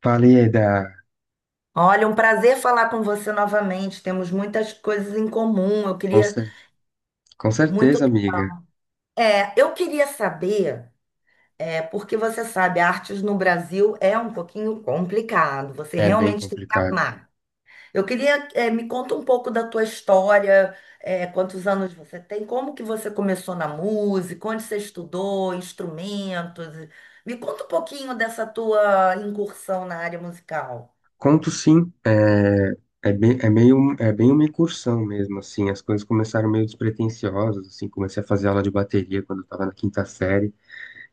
Falei da... Olha, um prazer falar com você novamente. Temos muitas coisas em comum. Eu Com queria cer- com muito. certeza, amiga. Eu queria saber, porque você sabe, artes no Brasil é um pouquinho complicado. Você É bem realmente tem que complicado. amar. Eu queria, me conta um pouco da tua história, quantos anos você tem, como que você começou na música, onde você estudou, instrumentos. Me conta um pouquinho dessa tua incursão na área musical. Conto sim, é bem, é meio, é bem uma incursão mesmo, assim. As coisas começaram meio despretensiosas, assim. Comecei a fazer aula de bateria quando eu tava na quinta série.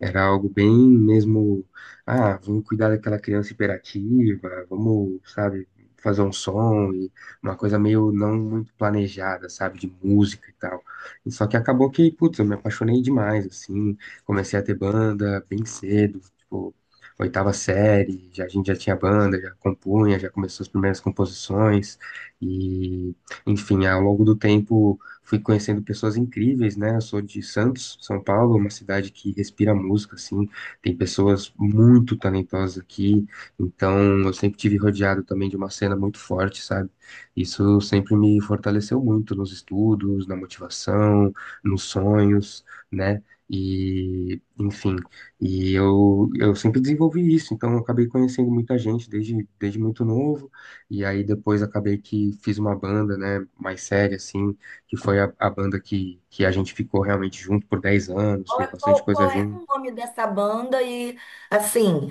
Era algo bem mesmo, ah, vamos cuidar daquela criança hiperativa, vamos, sabe, fazer um som e uma coisa meio não muito planejada, sabe, de música e tal. E só que acabou que, putz, eu me apaixonei demais, assim, comecei a ter banda bem cedo, tipo, oitava série, já, a gente já tinha banda, já compunha, já começou as primeiras composições e, enfim, ao longo do tempo fui conhecendo pessoas incríveis, né? Eu sou de Santos, São Paulo, uma cidade que respira música, assim, tem pessoas muito talentosas aqui, então eu sempre tive rodeado também de uma cena muito forte, sabe? Isso sempre me fortaleceu muito nos estudos, na motivação, nos sonhos, né? E, enfim, eu sempre desenvolvi isso, então eu acabei conhecendo muita gente desde, desde muito novo, e aí depois acabei que fiz uma banda, né, mais séria, assim, que foi a banda que a gente ficou realmente junto por 10 anos, fez bastante coisa Qual é junto. o nome dessa banda? E, assim,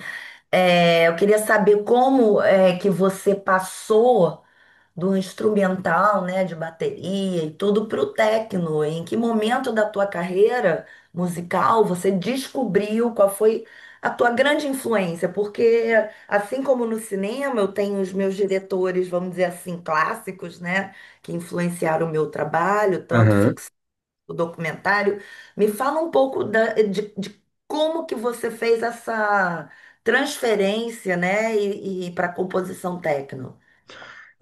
eu queria saber como é que você passou do instrumental, né, de bateria e tudo para o techno. Em que momento da tua carreira musical você descobriu qual foi a tua grande influência? Porque, assim como no cinema, eu tenho os meus diretores, vamos dizer assim, clássicos, né, que influenciaram o meu trabalho, tanto Aham. ficção o documentário. Me fala um pouco da- de como que você fez essa transferência, né, e, para composição techno.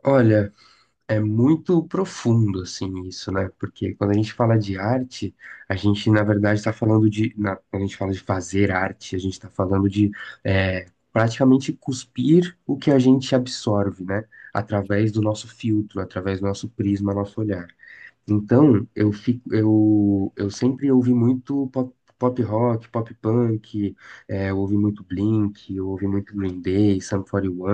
Olha, é muito profundo assim isso, né? Porque quando a gente fala de arte, a gente na verdade está falando de, na- quando a gente fala de fazer arte, a gente está falando de é, praticamente cuspir o que a gente absorve, né? Através do nosso filtro, através do nosso prisma, nosso olhar. Então, eu fico, eu sempre ouvi muito pop, pop rock, pop punk, eu ouvi muito Blink, eu ouvi muito Green Day, Sum 41,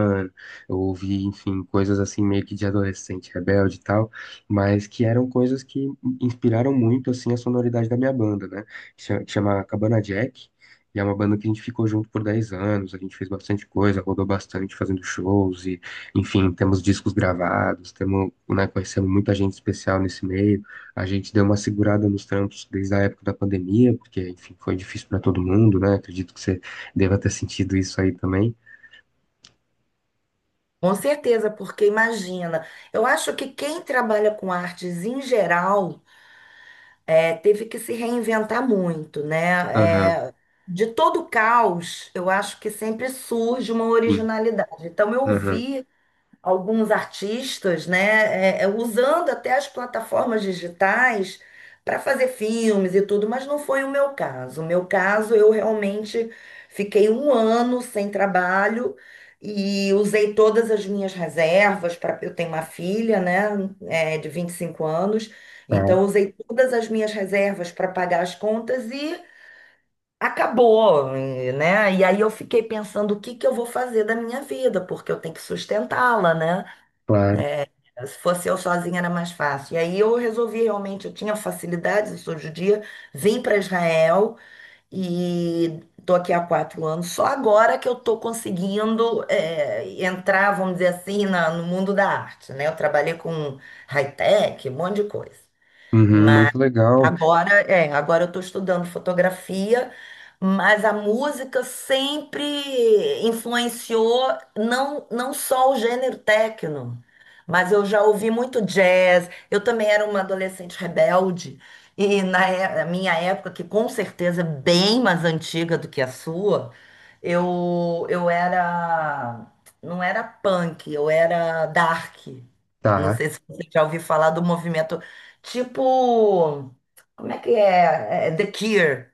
eu ouvi, enfim, coisas assim meio que de adolescente rebelde e tal, mas que eram coisas que inspiraram muito, assim, a sonoridade da minha banda, né? Que chama Cabana Jack, e é uma banda que a gente ficou junto por 10 anos, a gente fez bastante coisa, rodou bastante fazendo shows enfim, temos discos gravados, temos, né, conhecemos muita gente especial nesse meio. A gente deu uma segurada nos trampos desde a época da pandemia, porque, enfim, foi difícil para todo mundo, né? Acredito que você deva ter sentido isso aí também. Com certeza, porque imagina, eu acho que quem trabalha com artes em geral teve que se reinventar muito, né? Aham, De todo caos, eu acho que sempre surge uma sim. originalidade. Então eu Aham, vi alguns artistas, né, usando até as plataformas digitais para fazer filmes e tudo, mas não foi o meu caso. O meu caso, eu realmente fiquei um ano sem trabalho e usei todas as minhas reservas para eu tenho uma filha, né, de 25 anos, então tá, usei todas as minhas reservas para pagar as contas e acabou, e, né? E aí eu fiquei pensando o que que eu vou fazer da minha vida, porque eu tenho que sustentá-la, né? claro. Se fosse eu sozinha era mais fácil. E aí eu resolvi realmente, eu tinha facilidades, eu sou judia, vim para Israel e tô aqui há quatro anos. Só agora que eu tô conseguindo entrar, vamos dizer assim, no mundo da arte, né? Eu trabalhei com high-tech, um monte de coisa. Uhum, muito legal. Agora, agora eu estou estudando fotografia, mas a música sempre influenciou não, não só o gênero techno, mas eu já ouvi muito jazz. Eu também era uma adolescente rebelde, e na minha época, que com certeza é bem mais antiga do que a sua, eu era, não era punk, eu era dark. Eu não Tá, sei se você já ouviu falar do movimento tipo. Como é que é? É, The Cure.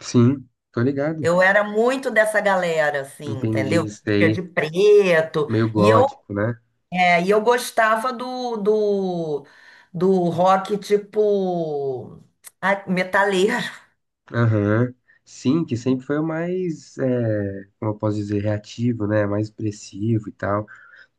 sim, tô ligado. Eu era muito dessa galera, assim, Entendi entendeu? isso Vestia aí. de preto. Meio E eu, gótico, né? E eu gostava do rock, tipo, ah, metaleiro. Aham. Sim, que sempre foi o mais, é, como eu posso dizer, reativo, né? Mais expressivo e tal.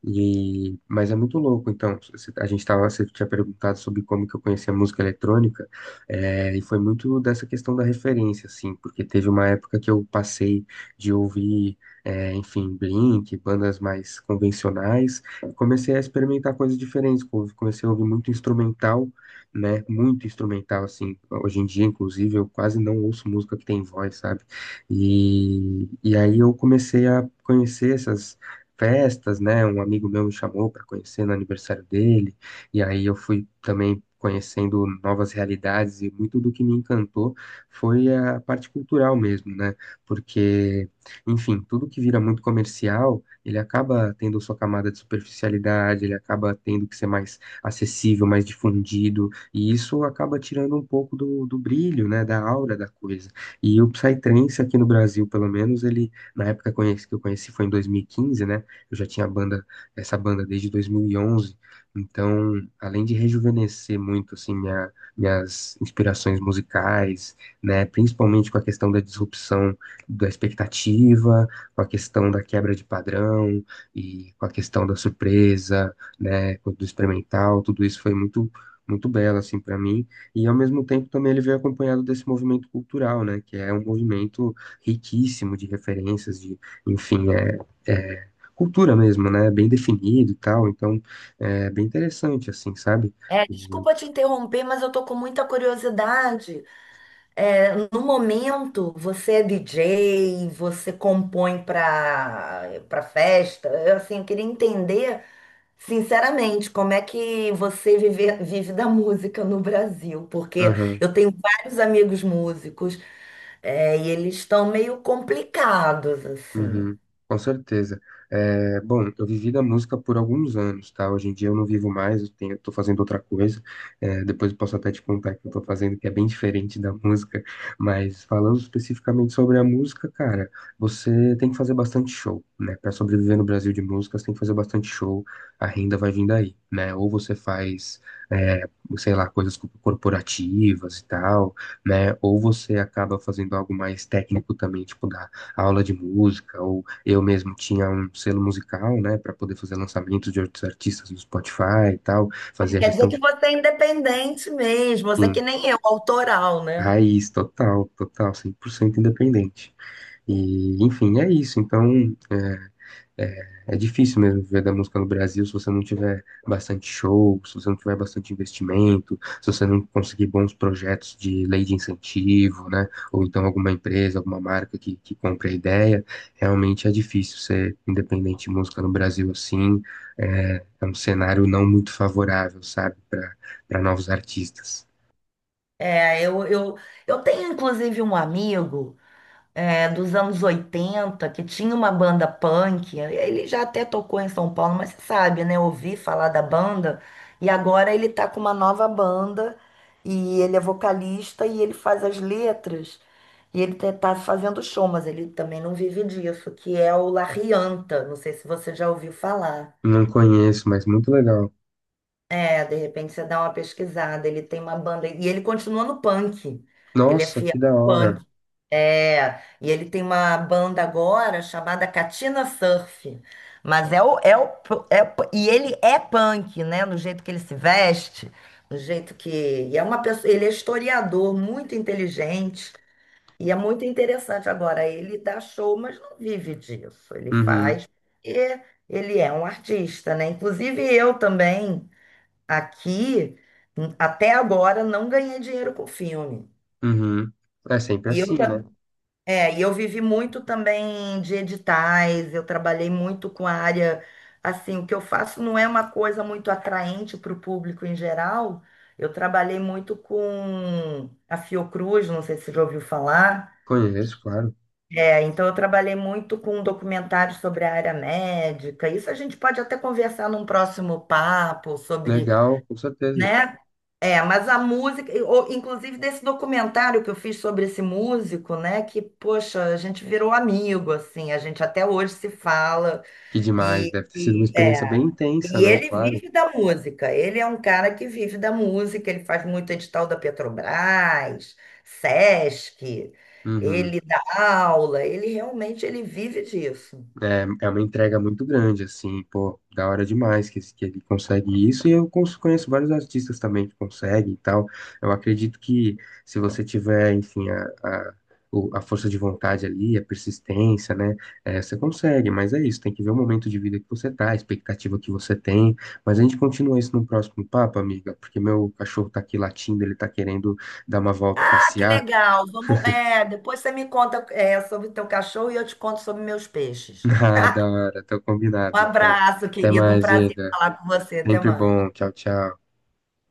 E, mas é muito louco, então, você- a gente tava, você tinha perguntado sobre como que eu conheci a música eletrônica, e foi muito dessa questão da referência, assim, porque teve uma época que eu passei de ouvir, enfim, Blink, bandas mais convencionais, e comecei a experimentar coisas diferentes, comecei a ouvir muito instrumental, né, muito instrumental, assim, hoje em dia, inclusive, eu quase não ouço música que tem voz, sabe, e aí eu comecei a conhecer essas festas, né? Um amigo meu me chamou para conhecer no aniversário dele, e aí eu fui também conhecendo novas realidades, e muito do que me encantou foi a parte cultural mesmo, né? Porque, enfim, tudo que vira muito comercial, ele acaba tendo sua camada de superficialidade, ele acaba tendo que ser mais acessível, mais difundido, e isso acaba tirando um pouco do brilho, né? Da aura da coisa. E o Psytrance aqui no Brasil, pelo menos, ele na época que eu conheci foi em 2015, né? Eu já tinha a banda, essa banda desde 2011, então, além de rejuvenescer muito assim minha, minhas inspirações musicais, né, principalmente com a questão da disrupção da expectativa, com a questão da quebra de padrão e com a questão da surpresa, né, do experimental, tudo isso foi muito muito belo assim para mim e ao mesmo tempo também ele veio acompanhado desse movimento cultural né que é um movimento riquíssimo de referências de enfim é cultura mesmo, né? Bem definido e tal, então é bem interessante, assim, sabe? É, O- desculpa te interromper, mas eu tô com muita curiosidade. No momento, você é DJ, você compõe para festa. Eu, assim, eu queria entender. Sinceramente, como é que você vive da música no Brasil? Porque Aham. eu tenho vários amigos músicos, e eles estão meio complicados, assim. Uhum, com certeza. É, bom, eu vivi da música por alguns anos, tá? Hoje em dia eu não vivo mais, eu tenho, tô fazendo outra coisa. É, depois eu posso até te contar o que eu tô fazendo, que é bem diferente da música. Mas falando especificamente sobre a música, cara, você tem que fazer bastante show, né? Para sobreviver no Brasil de música, você tem que fazer bastante show, a renda vai vindo aí, né? Ou você faz, é, sei lá, coisas corporativas e tal, né? Ou você acaba fazendo algo mais técnico também, tipo da aula de música, ou eu mesmo tinha um selo musical, né, para poder fazer lançamentos de outros artistas no Spotify e tal, Ah, fazer a quer dizer gestão que de você é independente mesmo, você é plugin que nem eu, autoral, né? raiz, total, total, 100% independente. E, enfim, é isso. Então, é, É é difícil mesmo viver da música no Brasil se você não tiver bastante show, se você não tiver bastante investimento, se você não conseguir bons projetos de lei de incentivo, né? Ou então alguma empresa, alguma marca que compre a ideia. Realmente é difícil ser independente de música no Brasil assim. É, é um cenário não muito favorável, sabe, para para novos artistas. É, eu, eu, eu tenho inclusive um amigo. Dos anos 80 que tinha uma banda punk. Ele já até tocou em São Paulo, mas você sabe, né? Ouvi falar da banda. E agora ele tá com uma nova banda. E ele é vocalista e ele faz as letras. E ele tá fazendo show, mas ele também não vive disso, que é o La Rianta. Não sei se você já ouviu falar. Não conheço, mas muito legal. É, de repente você dá uma pesquisada. Ele tem uma banda. E ele continua no punk. Ele é Nossa, fiel que da ao hora. punk. É. E ele tem uma banda agora chamada Katina Surf. Mas e ele é punk, né? No jeito que ele se veste, no jeito que. E é uma pessoa, ele é historiador, muito inteligente. E é muito interessante. Agora, ele dá show, mas não vive disso. Ele Uhum, faz. E ele é um artista, né? Inclusive eu também. Aqui, até agora, não ganhei dinheiro com filme. uhum. É sempre E assim, eu, né? tam- e eu vivi muito também de editais, eu trabalhei muito com a área. Assim, o que eu faço não é uma coisa muito atraente para o público em geral. Eu trabalhei muito com a Fiocruz, não sei se você já ouviu falar. Conheço, claro. É, então, eu trabalhei muito com documentários sobre a área médica. Isso a gente pode até conversar num próximo papo sobre, Legal, com certeza. né? Mas a música, ou, inclusive desse documentário que eu fiz sobre esse músico, né? Que, poxa, a gente virou amigo, assim, a gente até hoje se fala. Que demais, E, deve ter sido uma experiência bem é, intensa, e né? ele Claro. vive da música, ele é um cara que vive da música, ele faz muito edital da Petrobras, Sesc, Uhum. ele dá aula, ele realmente ele vive disso. É, é uma entrega muito grande, assim, pô, da hora demais que, que ele consegue isso, e eu conheço vários artistas também que conseguem e tal. Eu acredito que se você tiver, enfim, a força de vontade ali, a persistência, né, você consegue, mas é isso, tem que ver o momento de vida que você tá, a expectativa que você tem, mas a gente continua isso no próximo papo, amiga, porque meu cachorro tá aqui latindo, ele tá querendo dar uma volta, Ah, que passear. legal! Vamos, é, depois você me conta, é, sobre o teu cachorro e eu te conto sobre meus peixes. Ah, da hora, tá Um combinado, então. abraço, Até querido. Um mais, prazer Diego. falar com você. Até Sempre mais. bom. Tchau, tchau.